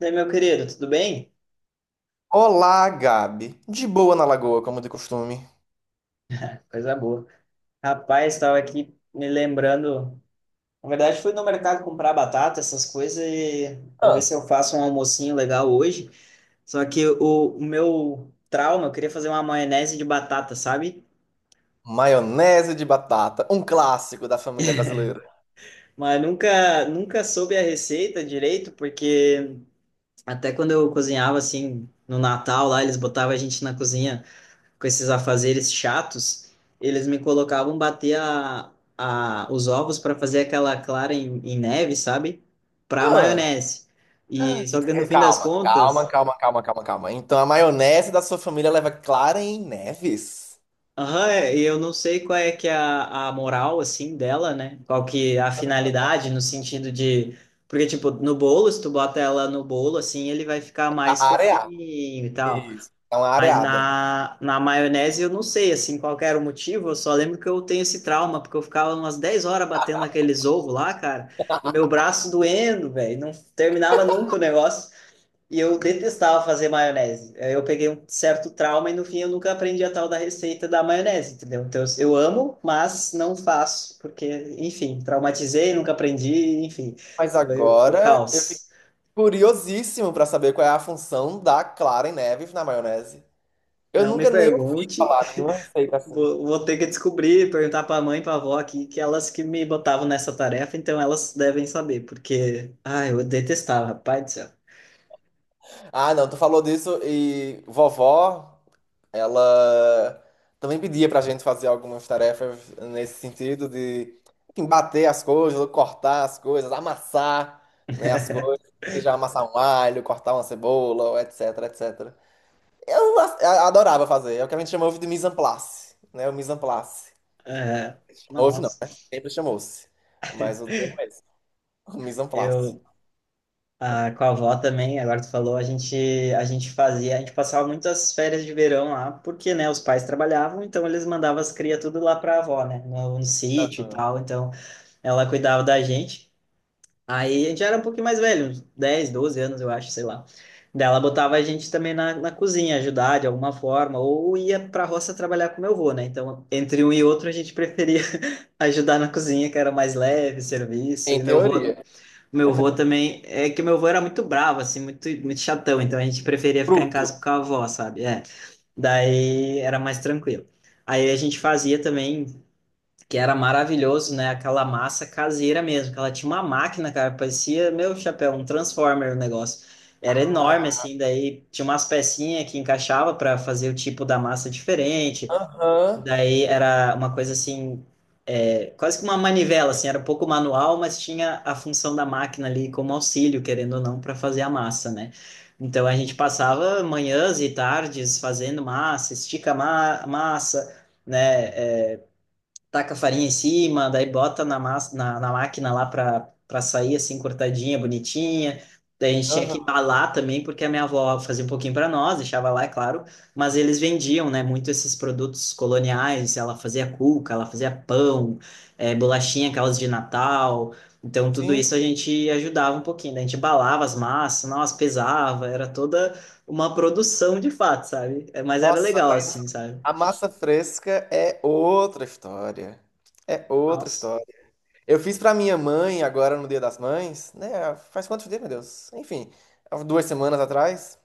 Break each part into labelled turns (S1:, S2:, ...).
S1: E aí, meu querido, tudo bem?
S2: Olá, Gabi. De boa na lagoa, como de costume.
S1: Coisa boa. Rapaz, estava aqui me lembrando. Na verdade, fui no mercado comprar batata, essas coisas, e vou ver se
S2: Ah,
S1: eu faço um almocinho legal hoje. Só que o meu trauma, eu queria fazer uma maionese de batata, sabe?
S2: maionese de batata, um clássico da família brasileira.
S1: Mas nunca, nunca soube a receita direito, porque até quando eu cozinhava assim no Natal lá, eles botavam a gente na cozinha com esses afazeres chatos. Eles me colocavam bater os ovos para fazer aquela clara em neve, sabe? Para
S2: Ah,
S1: maionese. E só que no fim das
S2: calma, calma,
S1: contas,
S2: calma, calma, calma, calma. Então a maionese da sua família leva clara em neves?
S1: aham, é, e eu não sei qual é que é a moral assim dela, né? Qual que é a finalidade no sentido de, porque tipo, no bolo, se tu bota ela no bolo assim, ele vai ficar mais
S2: A areá.
S1: fofinho e tal.
S2: Isso. É uma
S1: Mas
S2: areada.
S1: na maionese eu não sei, assim, qual que era o motivo. Eu só lembro que eu tenho esse trauma, porque eu ficava umas 10 horas batendo aqueles ovos lá, cara, e meu braço doendo, velho, não terminava nunca o negócio, e eu detestava fazer maionese. Aí eu peguei um certo trauma e no fim eu nunca aprendi a tal da receita da maionese, entendeu? Então eu amo, mas não faço, porque, enfim, traumatizei, nunca aprendi, enfim,
S2: Mas
S1: foi o
S2: agora eu fiquei
S1: caos.
S2: curiosíssimo pra saber qual é a função da clara em neves na maionese. Eu
S1: Não me
S2: nunca nem ouvi
S1: pergunte.
S2: falar nenhuma receita assim.
S1: Vou ter que descobrir, perguntar para a mãe e para a avó aqui, que elas que me botavam nessa tarefa, então elas devem saber, porque, ai, eu detestava, rapaz do céu.
S2: Ah, não, tu falou disso e vovó. Ela também pedia pra gente fazer algumas tarefas nesse sentido de enfim, bater as coisas, cortar as coisas, amassar, né, as coisas, seja amassar um alho, cortar uma cebola, etc, etc. Adorava fazer, é o que a gente chamava de mise en place, né, o mise en place.
S1: É,
S2: Hoje não,
S1: nossa,
S2: né? Sempre chamou-se, mas o termo é esse, o mise en place.
S1: eu com a avó também. Agora tu falou, a gente fazia, a gente passava muitas férias de verão lá, porque, né, os pais trabalhavam, então eles mandavam as crias tudo lá para a avó, né, no sítio e
S2: Aham.
S1: tal, então ela cuidava da gente. Aí a gente era um pouquinho mais velho, uns 10, 12 anos, eu acho, sei lá. Daí ela botava a gente também na cozinha, ajudar de alguma forma, ou ia pra roça trabalhar com meu avô, né? Então, entre um e outro, a gente preferia ajudar na cozinha, que era mais leve, serviço.
S2: Em
S1: E meu avô,
S2: teoria.
S1: meu avô também, é que meu avô era muito bravo, assim, muito, muito chatão, então a gente preferia ficar em
S2: Fruto.
S1: casa com a avó, sabe? É. Daí era mais tranquilo. Aí a gente fazia também, que era maravilhoso, né? Aquela massa caseira mesmo, que ela tinha uma máquina, cara, parecia, meu chapéu, um Transformer o negócio. Era enorme,
S2: Ah,
S1: assim, daí tinha umas pecinhas que encaixava para fazer o tipo da massa diferente, e
S2: aham,
S1: daí era uma coisa assim, é, quase que uma manivela, assim, era um pouco manual, mas tinha a função da máquina ali como auxílio, querendo ou não, para fazer a massa, né? Então a gente passava manhãs e tardes fazendo massa, estica ma massa, né? Taca a farinha em cima, daí bota na máquina lá pra sair assim, cortadinha, bonitinha. Daí a gente tinha
S2: aham.
S1: que embalar também, porque a minha avó fazia um pouquinho pra nós, deixava lá, é claro, mas eles vendiam, né, muito esses produtos coloniais. Ela fazia cuca, ela fazia pão, bolachinha, aquelas de Natal. Então tudo
S2: Sim.
S1: isso a gente ajudava um pouquinho, né? A gente embalava as massas, nós pesava, era toda uma produção de fato, sabe? Mas era
S2: Nossa,
S1: legal assim, sabe?
S2: a massa fresca é outra história. É outra
S1: Nossa.
S2: história. Eu fiz pra minha mãe agora no Dia das Mães, né? Faz quantos dias, meu Deus? Enfim, há 2 semanas atrás,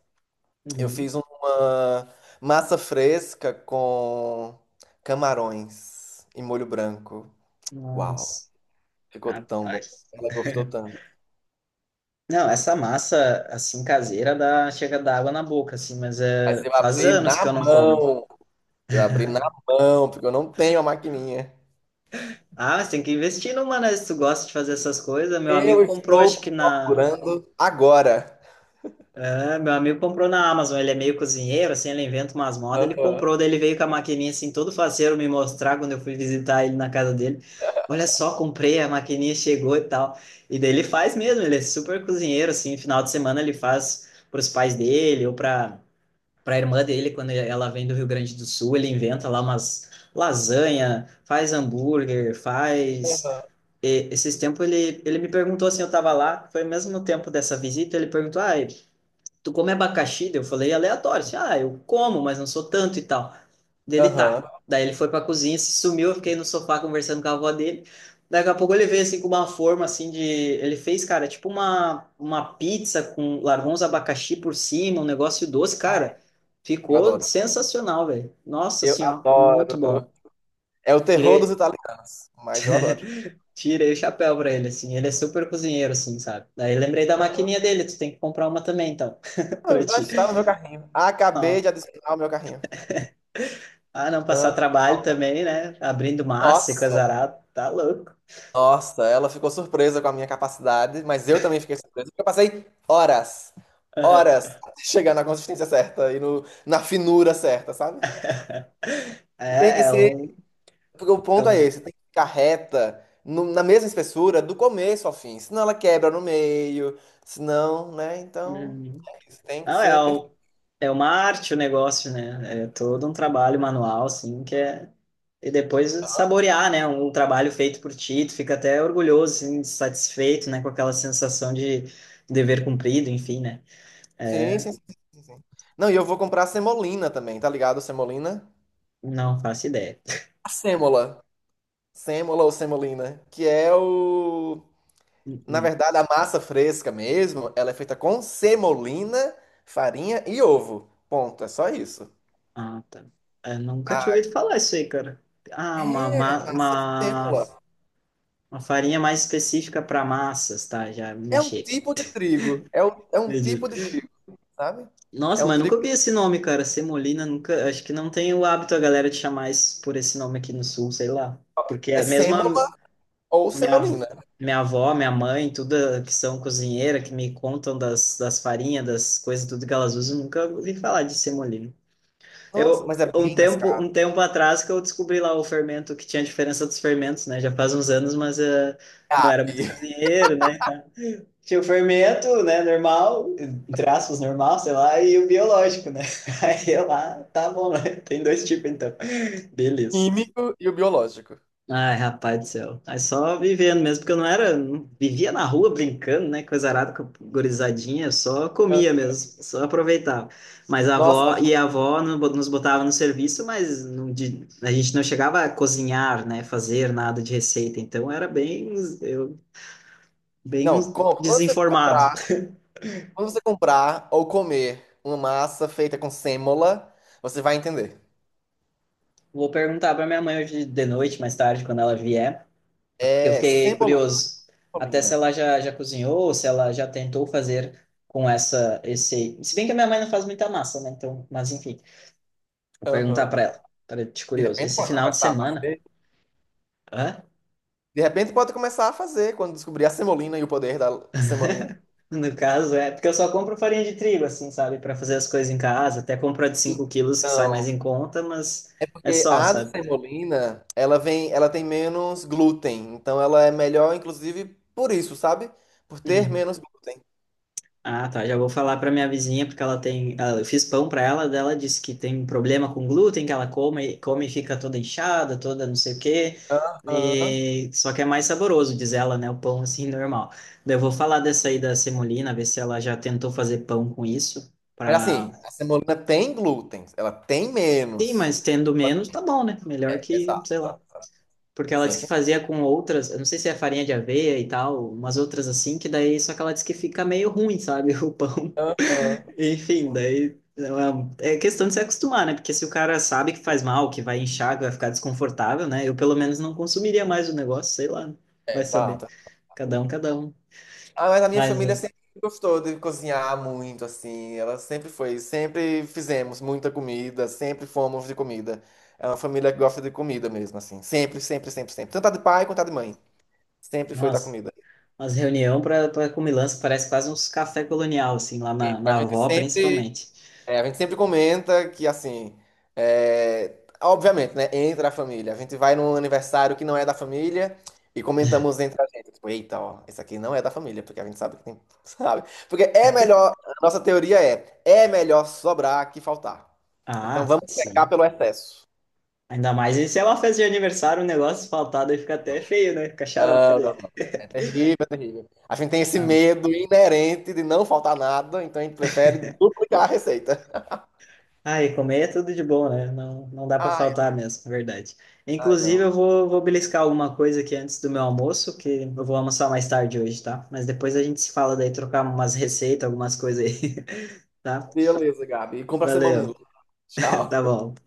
S2: eu
S1: Uhum.
S2: fiz uma massa fresca com camarões e molho branco. Uau,
S1: Nossa.
S2: ficou tão bom.
S1: Rapaz.
S2: Ela gostou tanto.
S1: Não, essa massa, assim, caseira, dá, chega a dar água na boca, assim, mas
S2: Mas
S1: é,
S2: eu
S1: faz
S2: abri
S1: anos que
S2: na
S1: eu não como.
S2: mão. Eu abri na mão, porque eu não tenho a maquininha.
S1: Ah, mas tem que investir numa, né? Se tu gosta de fazer essas coisas, meu amigo
S2: Eu
S1: comprou, acho que
S2: estou
S1: na,
S2: procurando agora.
S1: é, meu amigo comprou na Amazon. Ele é meio cozinheiro, assim, ele inventa umas modas, ele comprou.
S2: Aham.
S1: Daí ele veio com a maquininha, assim, todo faceiro me mostrar quando eu fui visitar ele na casa dele. Olha só, comprei, a maquininha chegou e tal. E daí ele faz mesmo, ele é super cozinheiro, assim. Final de semana ele faz pros pais dele ou pra para a irmã dele, quando ela vem do Rio Grande do Sul. Ele inventa lá umas lasanha, faz hambúrguer, faz. E, esses tempos ele me perguntou assim, eu tava lá, foi mesmo no tempo dessa visita, ele perguntou, ah, tu come abacaxi? Daí eu falei aleatório, assim, ah, eu como, mas não sou tanto e tal. Dele
S2: Aham.
S1: tá. Daí ele foi pra cozinha, se sumiu, eu fiquei no sofá conversando com a avó dele. Daqui a pouco ele veio assim com uma forma assim de. Ele fez, cara, tipo uma pizza com. Largou uns abacaxi por cima, um negócio doce,
S2: Ai,
S1: cara.
S2: eu
S1: Ficou
S2: adoro.
S1: sensacional, velho. Nossa
S2: Eu
S1: senhora, muito
S2: adoro.
S1: bom.
S2: É o terror dos
S1: Tirei,
S2: italianos, mas eu adoro.
S1: tirei o chapéu pra ele, assim. Ele é super cozinheiro, assim, sabe? Daí lembrei da maquininha dele, tu tem que comprar uma também, então, pra
S2: Ah, já
S1: ti.
S2: está no meu carrinho. Acabei de
S1: Ah,
S2: adicionar o meu carrinho.
S1: Ah, não
S2: Não.
S1: passar trabalho também, né? Abrindo massa e coisa
S2: Nossa,
S1: arada, tá louco.
S2: nossa, ela ficou surpresa com a minha capacidade, mas eu também fiquei surpresa, porque eu passei horas, horas,
S1: Aham.
S2: até chegar na consistência certa e no, na finura certa, sabe? Tem
S1: É,
S2: que
S1: é
S2: ser,
S1: um,
S2: porque o
S1: é
S2: ponto é
S1: um.
S2: esse, tem que ficar reta, na mesma espessura, do começo ao fim, senão ela quebra no meio, senão, né, então...
S1: Uhum.
S2: Isso tem que
S1: Não, é
S2: ser perfeito.
S1: um, é uma arte o negócio, né? É todo um trabalho manual, assim, que é, e depois saborear, né? Um trabalho feito por ti, tu fica até orgulhoso, assim, satisfeito, né? Com aquela sensação de dever cumprido, enfim, né?
S2: Sim,
S1: É,
S2: sim, sim, sim, sim. Não, e eu vou comprar semolina também, tá ligado? Semolina.
S1: não faço ideia.
S2: A sêmola. Sêmola ou semolina, que é o... Na verdade, a massa fresca mesmo, ela é feita com semolina, farinha e ovo. Ponto, é só isso.
S1: Ah, tá. Eu nunca tinha
S2: Ah,
S1: ouvido falar isso aí, cara. Ah,
S2: é massa sêmola.
S1: uma farinha mais específica para massas, tá? Já me
S2: É um
S1: achei aqui.
S2: tipo de trigo. É um
S1: Entendi.
S2: tipo de trigo, sabe? É
S1: Nossa,
S2: um
S1: mas nunca
S2: trigo.
S1: ouvi esse nome, cara. Semolina, nunca. Acho que não tem o hábito a galera de chamar isso por esse nome aqui no sul, sei lá. Porque
S2: É
S1: é mesmo a
S2: sêmola ou
S1: minha, av-
S2: semolina.
S1: minha avó, minha mãe, tudo que são cozinheira, que me contam das, das farinhas, das coisas, tudo que elas usam, nunca ouvi falar de semolina.
S2: Nossa,
S1: Eu,
S2: mas é
S1: um
S2: bem mais
S1: tempo,
S2: caro.
S1: um tempo atrás que eu descobri lá o fermento, que tinha a diferença dos fermentos, né? Já faz uns anos, mas não era muito
S2: Cabe.
S1: cozinheiro, né? Tinha o fermento, né, normal, entre aspas, normal, sei lá, e o biológico, né? Aí eu lá, tá bom, né? Tem dois tipos então. Beleza.
S2: Químico e o biológico.
S1: Ai, rapaz do céu. Aí só vivendo mesmo, porque eu não era, não, vivia na rua brincando, né? Coisa arada, com a gurizadinha, eu só comia mesmo, só aproveitava. Mas a
S2: Nossa.
S1: avó, e a avó nos botava no serviço, mas não, a gente não chegava a cozinhar, né? Fazer nada de receita, então era bem, eu, bem
S2: Não, com-
S1: desinformado.
S2: quando você comprar, ou comer uma massa feita com sêmola, você vai entender.
S1: Vou perguntar para minha mãe hoje de noite, mais tarde, quando ela vier. Porque eu
S2: É
S1: fiquei
S2: sêmola de
S1: curioso, até se
S2: semolina.
S1: ela já cozinhou, se ela já tentou fazer com essa, esse. Se bem que a minha mãe não faz muita massa, né? Então, mas enfim, vou perguntar
S2: Aham.
S1: para ela, para te
S2: De
S1: curioso.
S2: repente
S1: Esse
S2: pode
S1: final de
S2: começar a
S1: semana,
S2: fazer.
S1: hã?
S2: De repente pode começar a fazer quando descobrir a semolina e o poder da semolina.
S1: No caso, é porque eu só compro farinha de trigo, assim, sabe? Para fazer as coisas em casa, até compro a de 5 quilos, que sai mais
S2: Então,
S1: em conta, mas
S2: é
S1: é
S2: porque
S1: só,
S2: a de
S1: sabe?
S2: semolina, ela tem menos glúten, então ela é melhor inclusive por isso, sabe? Por ter
S1: Uhum.
S2: menos glúten.
S1: Ah, tá. Já vou falar pra minha vizinha, porque ela tem. Eu fiz pão pra ela, dela disse que tem problema com glúten, que ela come, come e fica toda inchada, toda não sei o quê.
S2: Aham.
S1: E, só que é mais saboroso, diz ela, né? O pão assim, normal. Daí eu vou falar dessa aí da semolina, ver se ela já tentou fazer pão com isso.
S2: Mas
S1: Pra.
S2: assim, a semolina tem glúten, ela tem
S1: Sim,
S2: menos.
S1: mas tendo menos, tá bom, né? Melhor que,
S2: Exato,
S1: sei lá.
S2: exato, exato.
S1: Porque ela
S2: Sim,
S1: disse que
S2: sim.
S1: fazia com outras, eu não sei se é farinha de aveia e tal, umas outras assim, que daí só que ela disse que fica meio ruim, sabe? O pão.
S2: Aham.
S1: Enfim, daí é é questão de se acostumar, né? Porque se o cara sabe que faz mal, que vai inchar, que vai ficar desconfortável, né? Eu pelo menos não consumiria mais o negócio, sei lá.
S2: É,
S1: Vai saber.
S2: exato.
S1: Cada um, cada um.
S2: Ah, mas a minha
S1: Mas,
S2: família
S1: é,
S2: sempre gostou de cozinhar muito, assim. Ela sempre foi, sempre fizemos muita comida, sempre fomos de comida. É uma família que gosta de comida mesmo, assim. Sempre, sempre, sempre, sempre. Tanto a de pai quanto a de mãe. Sempre foi da
S1: nossa,
S2: comida.
S1: mas reunião para comilança parece quase uns café colonial, assim, lá na,
S2: Sempre. A
S1: na
S2: gente
S1: avó,
S2: sempre
S1: principalmente.
S2: É, a gente sempre comenta que, assim, é, obviamente, né? Entra a família. A gente vai num aniversário que não é da família e comentamos entre a gente. Tipo, eita, ó, esse aqui não é da família, porque a gente sabe que tem, sabe? Porque é melhor, a nossa teoria é melhor sobrar que faltar. Então
S1: Ah,
S2: vamos pecar
S1: sim.
S2: pelo excesso.
S1: Ainda mais e se é uma festa de aniversário, o negócio faltado aí fica até feio, né? Fica xarope
S2: Não,
S1: daí.
S2: não, não. É terrível, é terrível. A gente tem esse
S1: Não.
S2: medo inerente de não faltar nada, então a gente prefere duplicar a receita.
S1: Ah, e comer é tudo de bom, né? Não, não dá para
S2: Ai,
S1: faltar mesmo, é verdade.
S2: ai,
S1: Inclusive, eu
S2: não.
S1: vou beliscar alguma coisa aqui antes do meu almoço, que eu vou almoçar mais tarde hoje, tá? Mas depois a gente se fala daí, trocar umas receitas, algumas coisas aí, tá?
S2: Beleza, Gabi. Compra a semana.
S1: Valeu,
S2: Tchau.
S1: tá bom.